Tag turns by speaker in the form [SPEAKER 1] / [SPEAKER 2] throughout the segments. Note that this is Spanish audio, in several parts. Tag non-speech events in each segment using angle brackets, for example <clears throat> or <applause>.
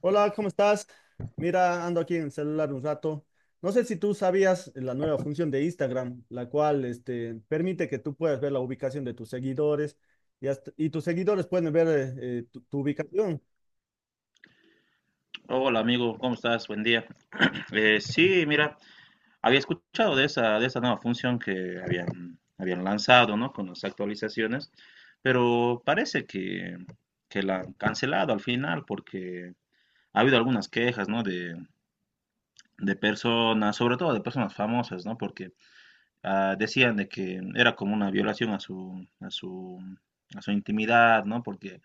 [SPEAKER 1] Hola, ¿cómo estás? Mira, ando aquí en el celular un rato. No sé si tú sabías la nueva función de Instagram, la cual permite que tú puedas ver la ubicación de tus seguidores y, y tus seguidores pueden ver tu ubicación.
[SPEAKER 2] Hola amigo, ¿cómo estás? Buen día. Sí, mira, había escuchado de esa nueva función que habían lanzado, ¿no? Con las actualizaciones, pero parece que la han cancelado al final porque ha habido algunas quejas, ¿no? De personas, sobre todo de personas famosas, ¿no? Porque decían de que era como una violación a a su intimidad, ¿no? Porque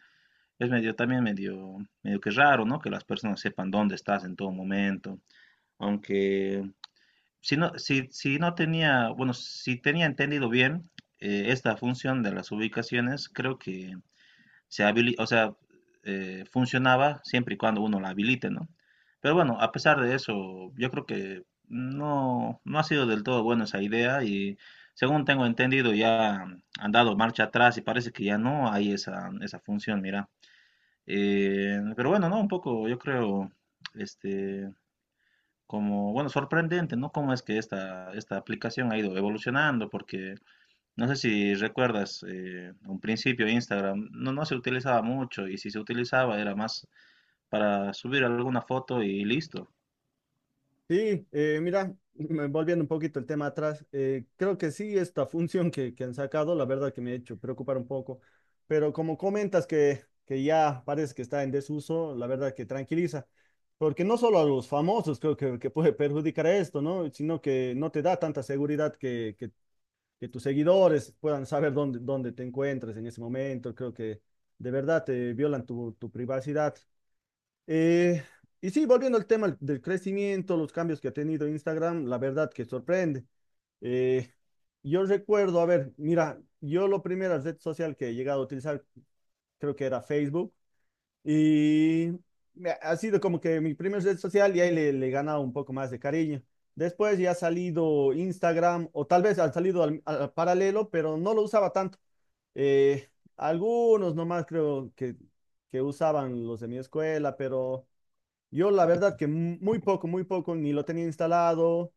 [SPEAKER 2] es medio, también medio, medio que raro, ¿no? Que las personas sepan dónde estás en todo momento. Aunque si no, si no tenía, bueno, si tenía entendido bien, esta función de las ubicaciones, creo que o sea, funcionaba siempre y cuando uno la habilite, ¿no? Pero bueno, a pesar de eso, yo creo que no ha sido del todo buena esa idea y según tengo entendido ya han dado marcha atrás y parece que ya no hay esa función, mira. Pero bueno, no, un poco, yo creo, este, como, bueno, sorprendente, ¿no? Cómo es que esta aplicación ha ido evolucionando, porque no sé si recuerdas, un principio Instagram no se utilizaba mucho y si se utilizaba era más para subir alguna foto y listo.
[SPEAKER 1] Sí, mira, volviendo un poquito el tema atrás, creo que sí, esta <laughs> función que han sacado, la verdad que me ha hecho preocupar un poco, pero como comentas que ya parece que está en desuso, la verdad que tranquiliza, porque no solo a los famosos creo que puede perjudicar esto, ¿no? Sino que no te da tanta seguridad que tus seguidores puedan saber dónde te encuentras en ese momento, creo que de verdad te violan tu privacidad. Eh, y sí, volviendo al tema del crecimiento, los cambios que ha tenido Instagram, la verdad que sorprende. Eh, yo recuerdo, a ver, mira, yo la primera red social que he llegado a utilizar creo que era Facebook y ha sido como que mi primera red social y ahí le he ganado un poco más de cariño. Después ya ha salido Instagram o tal vez ha salido al paralelo, pero no lo usaba tanto. Eh, algunos nomás creo que usaban los de mi escuela, pero... Yo la verdad que muy poco, ni lo tenía instalado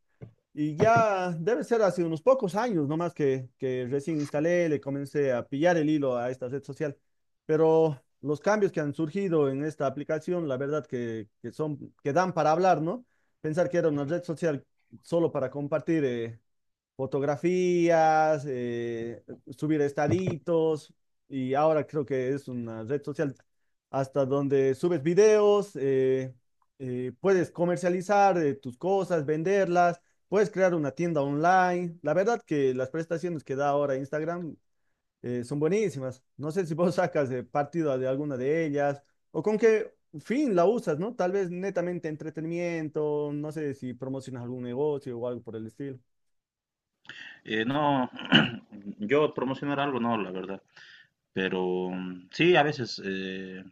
[SPEAKER 1] y ya debe ser hace unos pocos años nomás que recién instalé, le comencé a pillar el hilo a esta red social. Pero los cambios que han surgido en esta aplicación, la verdad que son, que dan para hablar, ¿no? Pensar que era una red social solo para compartir fotografías, subir estaditos y ahora creo que es una red social hasta donde subes videos, puedes comercializar tus cosas, venderlas, puedes crear una tienda online. La verdad que las prestaciones que da ahora Instagram son buenísimas. No sé si vos <laughs> sacas partido de alguna de ellas o con qué fin la usas, ¿no? Tal vez netamente entretenimiento, no sé si promocionas algún negocio o algo por el estilo.
[SPEAKER 2] No, <clears throat> yo promocionar algo, no, la verdad, pero mm, sí, a veces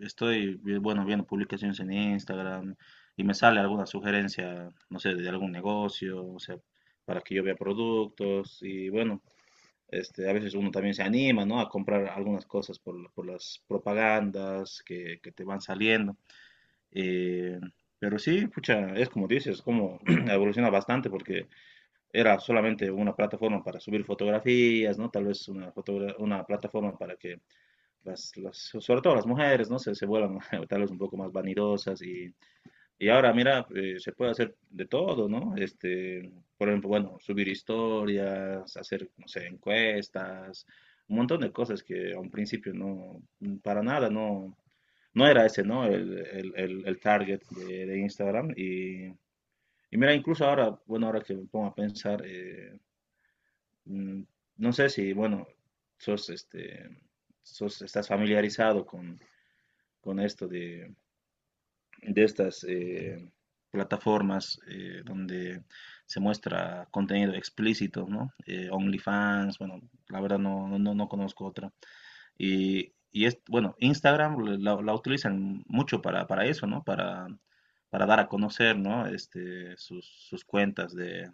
[SPEAKER 2] bueno, viendo publicaciones en Instagram y me sale alguna sugerencia, no sé, de algún negocio, o sea, para que yo vea productos y bueno. Este, a veces uno también se anima, ¿no? A comprar algunas cosas por las propagandas que te van saliendo. Eh, pero sí, pucha, es como dices, como <clears throat> evoluciona bastante porque era solamente una plataforma para subir fotografías, ¿no? Tal vez una plataforma para que sobre todo las mujeres, ¿no? Se vuelvan <laughs> tal vez un poco más vanidosas y ahora, mira, se puede hacer de todo, ¿no? Este, por ejemplo, bueno, subir historias, hacer, no sé, encuestas, un montón de cosas que a un principio no, para nada, no, no era ese, ¿no? El target de Instagram. Y mira, incluso ahora, bueno, ahora que me pongo a pensar, mm, no sé si, bueno, sos, este, sos, estás familiarizado con esto de estas plataformas donde se muestra contenido explícito, ¿no? OnlyFans, bueno, la verdad no conozco otra. Y es, bueno, Instagram la utilizan mucho para eso, ¿no? Para dar a conocer, ¿no? Este, sus cuentas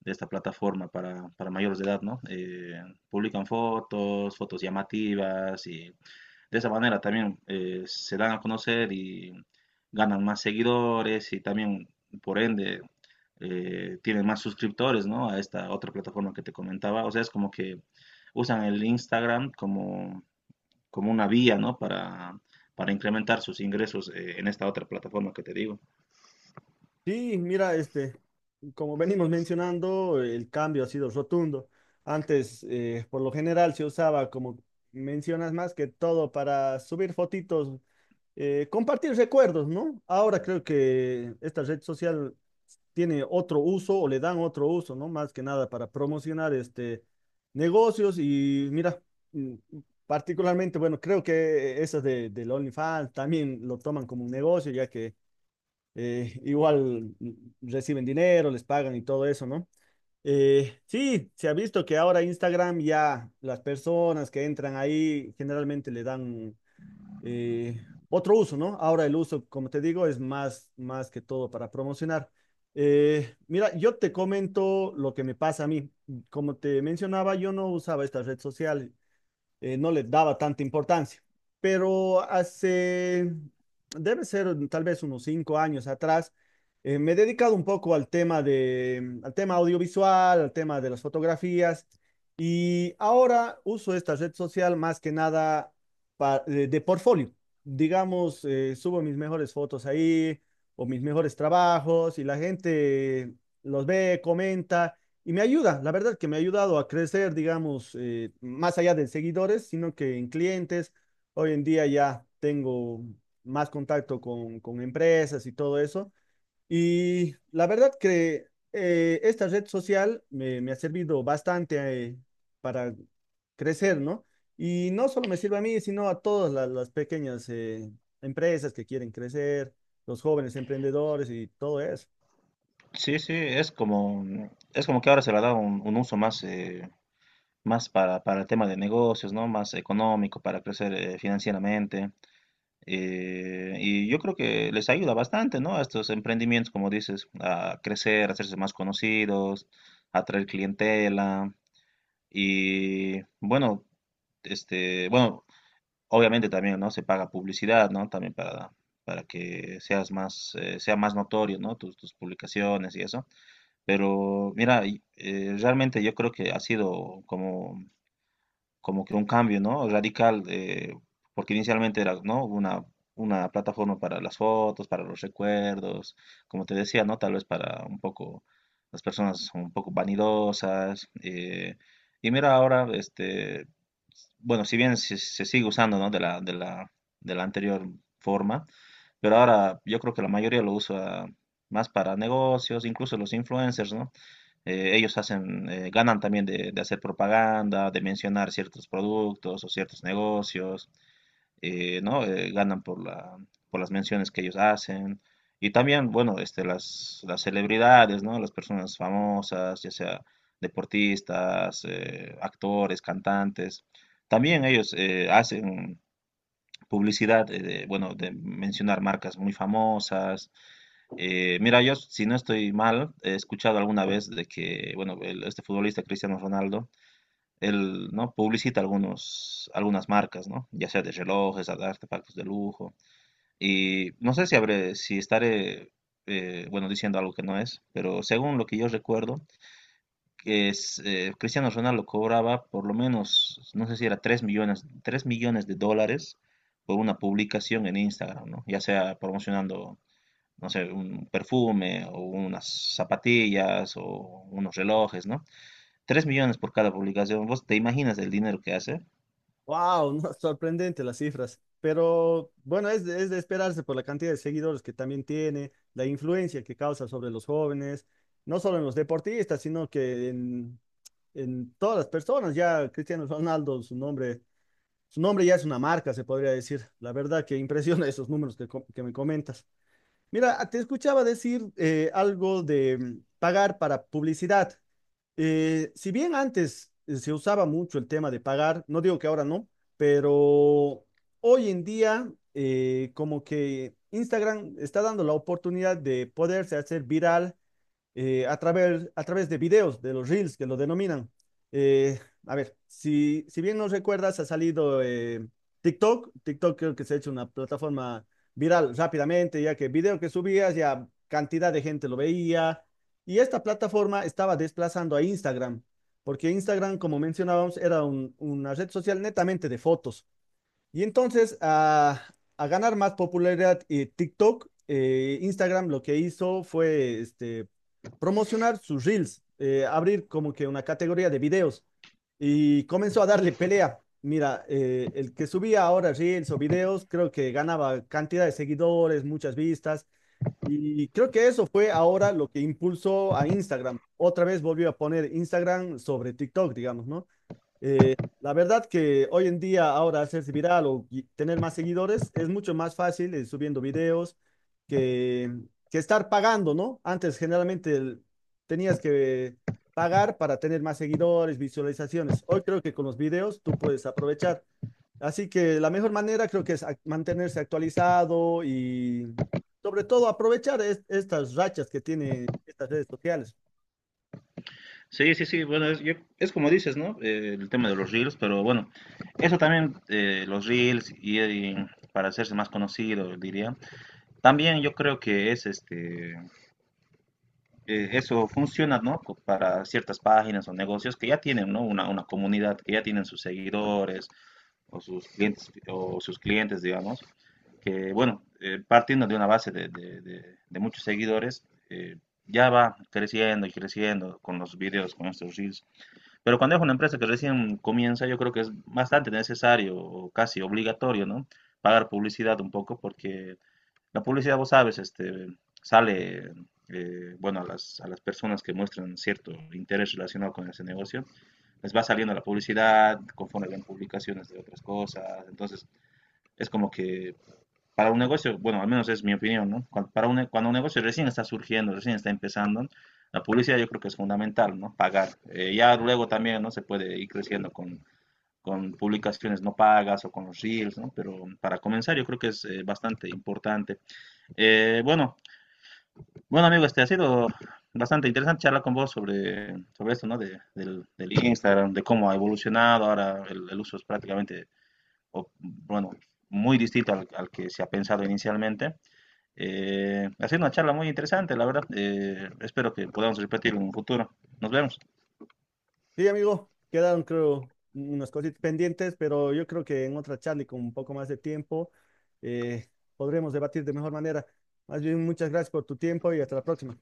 [SPEAKER 2] de esta plataforma para mayores de edad, ¿no? Publican fotos llamativas y de esa manera también se dan a conocer y ganan más seguidores y también, por ende, tienen más suscriptores, ¿no? A esta otra plataforma que te comentaba. O sea, es como que usan el Instagram como, como una vía, ¿no? Para incrementar sus ingresos en esta otra plataforma que te digo.
[SPEAKER 1] Sí, mira, como venimos mencionando, el cambio ha sido rotundo. Antes, por lo general, se usaba, como mencionas, más que todo para subir fotitos, compartir recuerdos, ¿no? Ahora creo que esta red social tiene otro uso o le dan otro uso, ¿no? Más que nada para promocionar negocios y mira, mm, particularmente, bueno, creo que esas del OnlyFans también lo toman como un negocio, ya que igual reciben dinero, les pagan y todo eso, ¿no? Sí, se ha visto que ahora Instagram ya las personas que entran ahí generalmente le dan otro uso, ¿no? Ahora el uso, como te digo, es más, más que todo para promocionar. Mira, yo te comento lo que me pasa a mí. Como te mencionaba, yo no usaba esta red social no le daba tanta importancia. Pero debe ser tal vez unos 5 años atrás, me he dedicado un poco al tema de, al tema audiovisual, al tema de las fotografías, y ahora uso esta red social más que nada de portfolio. Digamos, subo mis mejores fotos ahí o mis mejores trabajos y la gente los ve, comenta. Y me ayuda, la verdad que me ha ayudado a crecer, digamos, más allá de seguidores, sino que en clientes. Hoy en día ya tengo más contacto con empresas y todo eso. Y la verdad que esta red social me ha servido bastante para crecer, ¿no? Y no solo me sirve a mí, sino a todas pequeñas empresas que quieren crecer, los jóvenes emprendedores y todo eso.
[SPEAKER 2] Sí, sí, es como que ahora se le da un uso más, más para el tema de negocios, ¿no? Más económico, para crecer financieramente. Y yo creo que les ayuda bastante, ¿no? A estos emprendimientos, como dices, a crecer, a hacerse más conocidos, a atraer clientela. Y bueno, este, bueno, obviamente también, ¿no? Se paga publicidad, ¿no? También para que seas más, sea más notorio, ¿no? Tus, tus publicaciones y eso. Pero mira, realmente yo creo que ha sido como que un cambio, ¿no? Radical, porque inicialmente era, ¿no? Una plataforma para las fotos, para los recuerdos, como te decía, ¿no? Tal vez para un poco las personas son un poco vanidosas. Y mira ahora, este, bueno, si bien se sigue usando, ¿no? De la anterior forma, pero ahora yo creo que la mayoría lo usa más para negocios, incluso los influencers, ¿no? Ellos hacen, ganan también de hacer propaganda, de mencionar ciertos productos o ciertos negocios, ¿no? Ganan por por las menciones que ellos hacen. Y también, bueno, este, las celebridades, ¿no? Las personas famosas, ya sea deportistas, actores, cantantes. También ellos hacen publicidad, de, bueno, de mencionar marcas muy famosas. Mira, yo si no estoy mal, he escuchado alguna vez de que, bueno, este futbolista Cristiano Ronaldo, él, ¿no? Publicita algunas marcas, ¿no? Ya sea de relojes, de artefactos de lujo. Y no sé si habré, si estaré, bueno, diciendo algo que no es, pero según lo que yo recuerdo, que es, Cristiano Ronaldo cobraba por lo menos, no sé si era 3 millones, 3 millones de dólares por una publicación en Instagram, ¿no? Ya sea promocionando no sé, un perfume o unas zapatillas o unos relojes, ¿no? 3 millones por cada publicación. ¿Vos te imaginas el dinero que hace?
[SPEAKER 1] Wow, no, sorprendente las cifras. Pero bueno, es es de esperarse por la cantidad de seguidores que también tiene, la influencia que causa sobre los jóvenes, no solo en los deportistas, sino que en todas las personas. Ya Cristiano Ronaldo, su nombre ya es una marca, se podría decir. La verdad que impresiona <laughs> esos números que me comentas. Mira, te escuchaba decir algo de pagar para publicidad. Si bien antes se usaba mucho el tema de pagar, no digo que ahora no, pero hoy en día como que Instagram está dando la oportunidad de poderse hacer viral a través de videos, de los reels que lo denominan. Eh, a ver, si, si bien nos recuerdas, ha salido TikTok. TikTok creo que se ha hecho una plataforma viral rápidamente, ya que el video que subías ya cantidad de gente lo veía. Y esta plataforma estaba desplazando a Instagram, porque Instagram, como mencionábamos, era una red social netamente de fotos. Y entonces, a ganar más popularidad TikTok, Instagram lo que hizo fue promocionar sus reels, abrir como que una categoría de videos y comenzó a darle pelea. Mira, el que subía ahora reels o videos, creo que ganaba cantidad de seguidores, muchas vistas, y creo que eso fue ahora lo que impulsó a Instagram. Otra vez volvió a poner Instagram sobre TikTok, digamos, ¿no? La verdad que hoy en día ahora hacerse viral o tener más seguidores es mucho más fácil subiendo videos que, que estar pagando, ¿no? Antes generalmente tenías que pagar para tener más seguidores, visualizaciones. Hoy creo que con los videos tú puedes aprovechar. Así que la mejor manera creo que es mantenerse actualizado y sobre todo aprovechar estas rachas que tiene estas redes sociales.
[SPEAKER 2] Sí, sí, sí. Bueno, es, es como dices, ¿no? El tema de los reels, pero bueno, eso también, los reels y para hacerse más conocido, diría. También yo creo que es este, eso funciona, ¿no? Para ciertas páginas o negocios que ya tienen, ¿no? Una comunidad, que ya tienen sus seguidores o sus clientes, digamos, que, bueno, partiendo de una base de muchos seguidores, eh, ya va creciendo y creciendo con los videos, con estos reels. Pero cuando es una empresa que recién comienza, yo creo que es bastante necesario o casi obligatorio, ¿no? Pagar publicidad un poco porque la publicidad, vos sabes, este, sale, bueno, a a las personas que muestran cierto interés relacionado con ese negocio, les va saliendo la publicidad, conforme ven publicaciones de otras cosas. Entonces, es como que para un negocio, bueno, al menos es mi opinión, ¿no? Cuando un negocio recién está surgiendo, recién está empezando, la publicidad yo creo que es fundamental, ¿no? Pagar. Ya luego también, ¿no? Se puede ir creciendo con publicaciones no pagas o con los reels, ¿no? Pero para comenzar yo creo que es bastante importante. Eh, bueno, bueno amigo, este ha sido bastante interesante charlar con vos sobre esto, ¿no? Del, del Instagram, de cómo ha evolucionado, ahora el uso es prácticamente, o, bueno, muy distinto al que se ha pensado inicialmente. Ha sido una charla muy interesante, la verdad. Espero que podamos repetir en un futuro. Nos vemos.
[SPEAKER 1] Sí, amigo, quedaron creo unas cositas pendientes, pero yo creo que en otra charla y con un poco más de tiempo eh, podremos debatir de mejor manera. Más bien, muchas gracias por tu tiempo y hasta la próxima.